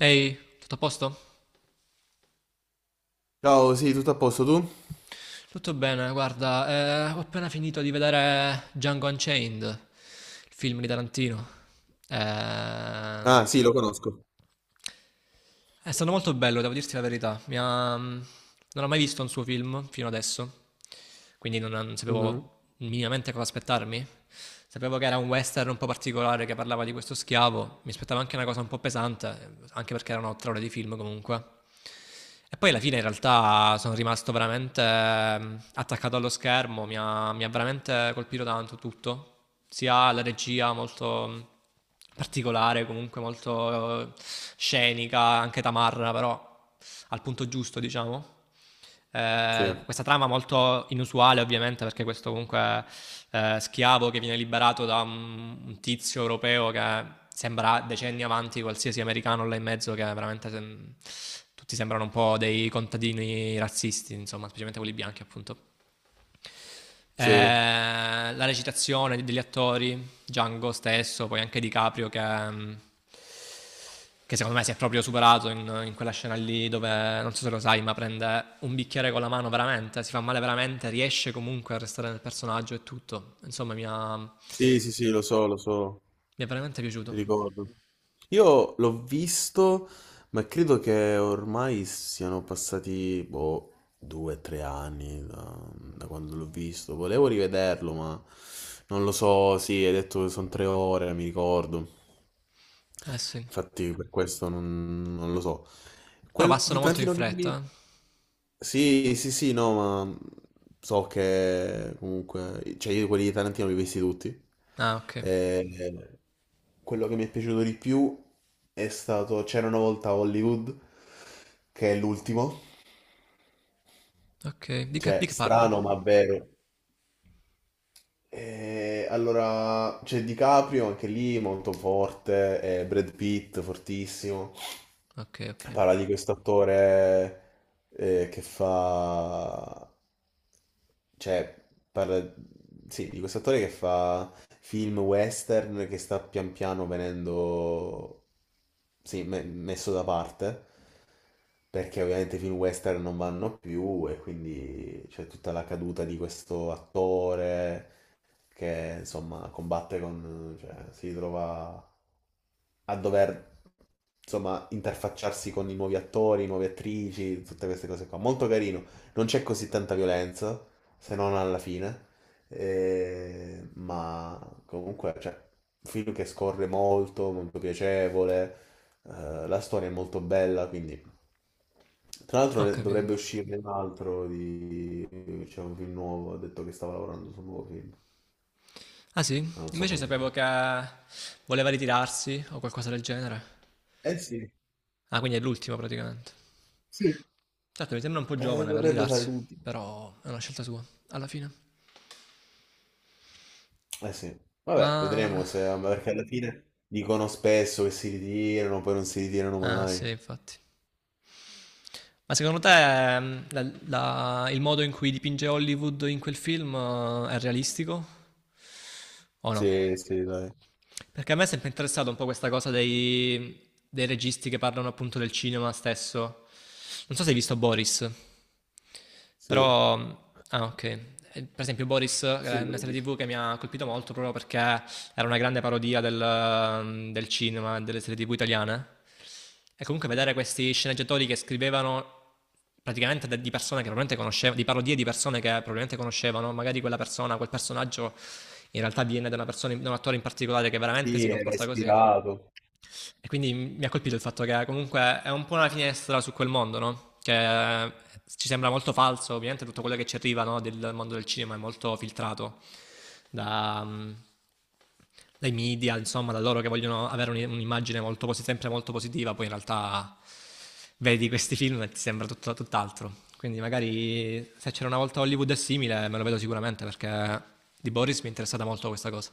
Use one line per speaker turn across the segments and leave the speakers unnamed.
Ehi, tutto a posto?
Ciao, sì, tutto a posto tu?
Tutto bene, guarda, ho appena finito di vedere Django Unchained, il film di Tarantino. Ehm,
Ah, sì, lo conosco.
è stato molto bello, devo dirti la verità. Non ho mai visto un suo film fino adesso, quindi non
Mhm.
sapevo minimamente cosa aspettarmi. Sapevo che era un western un po' particolare che parlava di questo schiavo, mi aspettavo anche una cosa un po' pesante, anche perché erano 3 ore di film comunque. E poi alla fine in realtà sono rimasto veramente attaccato allo schermo, mi ha veramente colpito tanto tutto, sia la regia molto particolare, comunque molto scenica, anche tamarra però al punto giusto diciamo,
Sì,
questa trama molto inusuale, ovviamente, perché questo comunque schiavo che viene liberato da un tizio europeo che sembra decenni avanti qualsiasi americano là in mezzo, che tutti sembrano un po' dei contadini razzisti, insomma, specialmente quelli bianchi, appunto.
sì,
La recitazione degli attori, Django stesso, poi anche Di Caprio che secondo me si è proprio superato in quella scena lì dove, non so se lo sai, ma prende un bicchiere con la mano veramente, si fa male veramente, riesce comunque a restare nel personaggio e tutto. Insomma, mi
sì, sì, sì, lo so,
è veramente piaciuto.
ricordo. Io l'ho visto, ma credo che ormai siano passati, boh, due o tre anni da, da quando l'ho visto. Volevo rivederlo, ma non lo so. Sì, hai detto che sono tre ore, mi ricordo.
Eh sì.
Infatti, per questo non, non lo so.
Però
Quel di
passano molto in
Tarantino che mi...
fretta. Eh.
Sì, sì, sì, no, ma so che comunque, cioè, io quelli di Tarantino li ho visti tutti.
Ah, ok.
Eh, quello che mi è piaciuto di più è stato C'era una volta a Hollywood, che è l'ultimo.
Ok.
Cioè,
Di che parla?
strano ma vero. Allora, c'è DiCaprio anche lì, molto forte, e Brad Pitt, fortissimo.
Ok, ok.
Parla di questo attore, che fa... Cioè, parla, sì, di questo attore che fa film western che sta pian piano venendo, sì, messo da parte, perché ovviamente i film western non vanno più, e quindi c'è tutta la caduta di questo attore che insomma combatte con, cioè, si trova a dover insomma interfacciarsi con i nuovi attori, nuove attrici, tutte queste cose qua. Molto carino, non c'è così tanta violenza, se non alla fine, ma comunque, cioè, un film che scorre molto, molto piacevole, la storia è molto bella, quindi... Tra l'altro
Ho capito.
dovrebbe uscirne un altro di... c'è un film nuovo, ha detto che stava lavorando su un nuovo film,
Ah sì?
ma non so
Invece
come si
sapevo
chiama.
che voleva ritirarsi o qualcosa del genere.
Eh sì,
Ah, quindi è l'ultimo praticamente.
sì,
Certo, mi sembra un po' giovane per
dovrebbe fare
ritirarsi,
l'ultimo.
però è una scelta sua, alla fine.
Eh sì, vabbè,
Ma...
vedremo se, ma perché alla fine dicono spesso che si ritirano, poi non si ritirano
Ah, sì,
mai.
infatti. Ma secondo te ehm, la- il modo in cui dipinge Hollywood in quel film è realistico o no?
Sì, sì, dai,
Perché a me è sempre interessato un po' questa cosa dei registi che parlano appunto del cinema stesso. Non so se hai visto Boris.
sì.
Però, ah, ok. Per esempio, Boris è
Sì, l'ho
una serie
visto.
TV che mi ha colpito molto proprio perché era una grande parodia del cinema e delle serie TV italiane. E comunque vedere questi sceneggiatori che scrivevano praticamente di persone che probabilmente conoscevano, di parodie di persone che probabilmente conoscevano, magari quella persona, quel personaggio in realtà viene da una persona, da un attore in particolare che veramente
Sì,
si
era
comporta così.
ispirato.
E quindi mi ha colpito il fatto che comunque è un po' una finestra su quel mondo, no? Che ci sembra molto falso, ovviamente tutto quello che ci arriva no, del mondo del cinema è molto filtrato da, mm, dai media, insomma, da loro che vogliono avere un'immagine sempre molto positiva, poi in realtà vedi questi film e ti sembra tutt'altro. Quindi magari se c'era una volta Hollywood è simile, me lo vedo sicuramente perché di Boris mi è interessata molto questa cosa.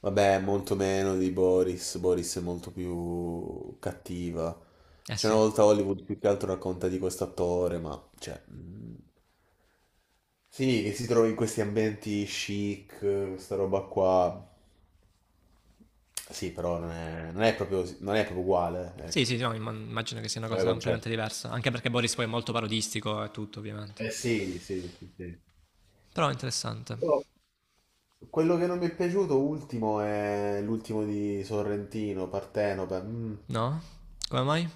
Vabbè, molto meno di Boris. Boris è molto più cattiva.
Eh
C'è una
sì.
volta Hollywood più che altro racconta di questo attore, ma cioè, sì, che si trova in questi ambienti chic, questa roba qua. Sì, però non è, non è proprio, non è proprio uguale,
Sì,
ecco,
sì, no, immagino che sia una
come
cosa completamente
concetto.
diversa, anche perché Boris poi è molto parodistico e tutto, ovviamente.
Eh sì, sì, sì, sì.
Però è interessante.
Io... quello che non mi è piaciuto ultimo è l'ultimo di Sorrentino, Partenope,
No? Come mai?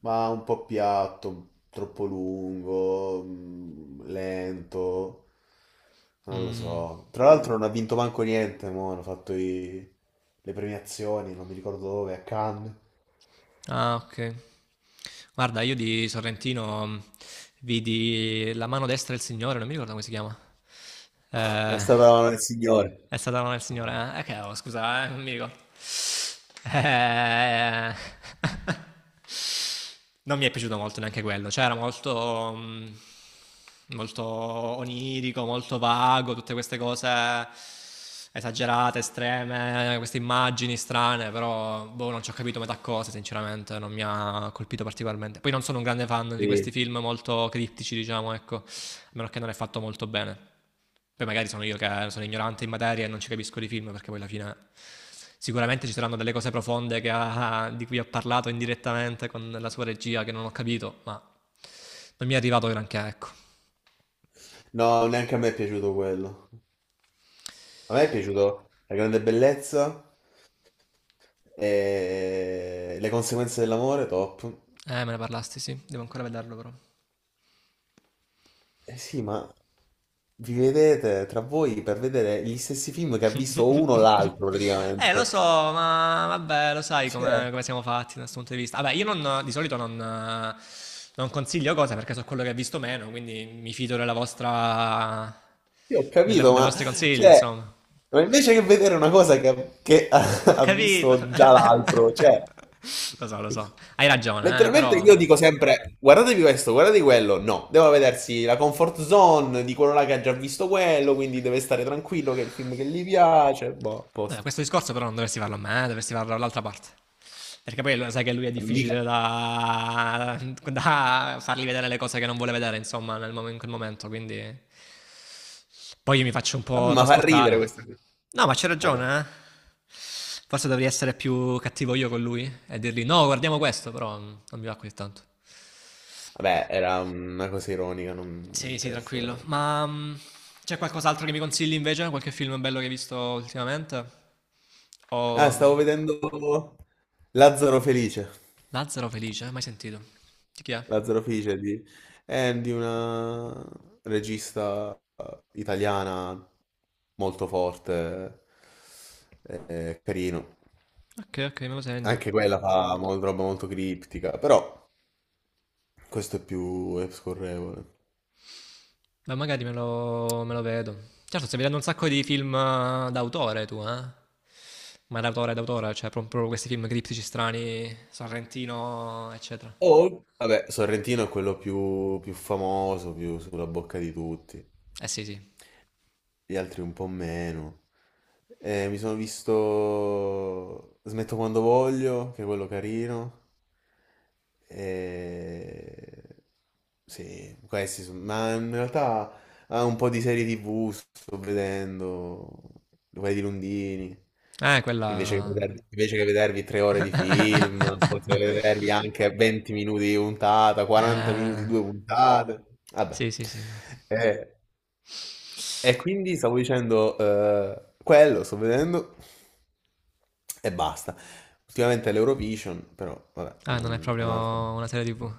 ma un po' piatto, troppo lungo, lento, non lo
Mm.
so. Tra l'altro non ha vinto manco niente, mo, hanno fatto le premiazioni, non mi ricordo dove, a Cannes.
Ah, ok. Guarda, io di Sorrentino mm, vidi La mano destra del Signore, non mi ricordo come si chiama.
È
Eh,
stata una del signore.
è stata la mano del Signore.
Ah,
Che, oh, scusa, non mi ricordo. Eh... Non mi è piaciuto molto neanche quello, cioè era molto onirico, molto vago, tutte queste cose esagerate, estreme, queste immagini strane, però boh, non ci ho capito metà cose, sinceramente, non mi ha colpito particolarmente. Poi non sono un grande fan di questi
sì.
film molto criptici, diciamo, ecco, a meno che non è fatto molto bene. Poi magari sono io che sono ignorante in materia e non ci capisco di film perché poi alla fine sicuramente ci saranno delle cose profonde di cui ho parlato indirettamente con la sua regia che non ho capito, ma non mi è arrivato granché, ecco.
No, neanche a me è piaciuto quello. A me è piaciuto La grande bellezza e Le conseguenze dell'amore, top.
Me ne parlasti, sì, devo ancora vederlo però.
Eh sì, ma vi vedete tra voi per vedere gli stessi film che ha visto uno o l'altro
Lo
praticamente.
so, ma vabbè, lo sai
Cioè,
come siamo fatti da questo punto di vista. Vabbè, io non- di solito non consiglio cose perché so quello che ho visto meno, quindi mi fido della vostra,
io ho capito,
dei
ma,
vostri consigli,
cioè,
insomma.
ma invece che vedere una cosa che ha,
Ho
ha
capito.
visto già l'altro, cioè,
Lo so, lo so. Hai ragione,
letteralmente io
però...
dico sempre, guardatevi questo, guardate quello, no, devo vedersi la comfort zone di quello là che ha già visto quello, quindi deve stare tranquillo che è il film che gli piace, boh, a
Beh,
posto.
questo discorso però non dovresti farlo a me, dovresti farlo all'altra parte. Perché poi lo sai che lui è difficile
Mica...
da fargli vedere le cose che non vuole vedere, insomma, in quel momento, quindi... Poi io mi faccio un
Vabbè,
po'
ma fa ridere
trasportare.
questa cosa.
No, ma c'è
Vabbè.
ragione, eh. Forse dovrei essere più cattivo io con lui e dirgli no, guardiamo questo, però mm, non mi va così tanto.
Vabbè, era una cosa ironica, non mi
Sì, sì,
interessa.
tranquillo. Ma mm, c'è qualcos'altro che mi consigli invece? Qualche film bello che hai visto ultimamente?
Ah,
O mm,
stavo vedendo Lazzaro Felice.
Lazzaro Felice, mai sentito? Di chi è?
Lazzaro Felice di, è di una regista, italiana molto forte, carino.
Ok, ok, me lo segno.
Anche quella fa roba molto criptica, però questo è più è scorrevole.
Ma magari me lo vedo. Certo, stai vedendo un sacco di film d'autore tu, eh? Ma d'autore, d'autore, cioè proprio questi film criptici strani, Sorrentino, eccetera.
Oh, vabbè, Sorrentino è quello più, più famoso, più sulla bocca di tutti.
Eh sì, sì.
Gli altri un po' meno. Mi sono visto Smetto quando voglio, che è quello carino. E... sì, questi sono... Ma in realtà ha un po' di serie TV, sto vedendo, quelle di Lundini.
Quella...
Invece che vedervi 3 ore di film, potete vedervi anche 20 minuti di puntata, 40 minuti di
Eh,
due puntate. Vabbè.
sì, sì, sì. No.
Eh, e quindi stavo dicendo, quello sto vedendo e basta. Ultimamente l'Eurovision, però vabbè,
Ah, non è
non- è
proprio
un'altra.
una serie TV.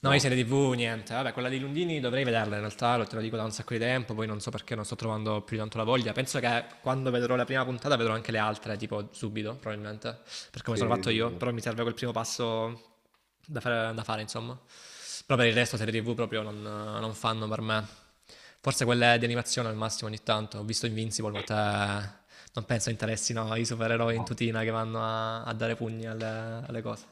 No, io
No,
serie TV, niente. Vabbè, quella di Lundini dovrei vederla in realtà, lo te lo dico da un sacco di tempo, poi non so perché non sto trovando più di tanto la voglia. Penso che quando vedrò la prima puntata vedrò anche le altre, tipo subito, probabilmente, per come
sì,
sono
sì,
fatto
sì,
io,
sì.
però mi serve quel primo passo da fare, insomma. Però per il resto serie TV proprio non fanno per me. Forse quelle di animazione al massimo ogni tanto. Ho visto Invincible, ma te non penso interessino i supereroi in
No,
tutina che vanno a dare pugni alle cose.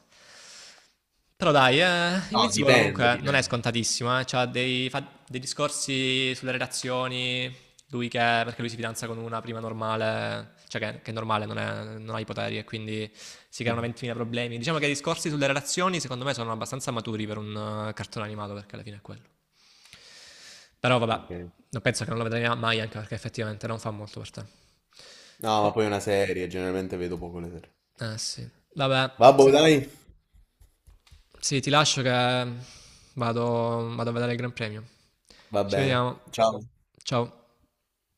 Però dai,
no,
Invincible
dipende,
comunque non è
dipende.
scontatissimo, eh. C'ha dei, fa dei discorsi sulle relazioni, lui che, perché lui si fidanza con una prima normale, cioè che è normale, non, non ha i poteri e quindi si creano
Mhm.
20.000 problemi. Diciamo che i discorsi sulle relazioni secondo me sono abbastanza maturi per un cartone animato perché alla fine è quello. Però vabbè,
Ok.
non penso che non lo vedrai mai anche perché effettivamente non fa molto per te.
No, ma
Oh,
poi è una serie, generalmente vedo poco le serie.
eh sì. Vabbè,
Vabbè,
se-
dai,
sì, ti lascio che vado, vado a vedere il Gran Premio.
va
Ci
bene.
vediamo.
Ciao.
Ciao.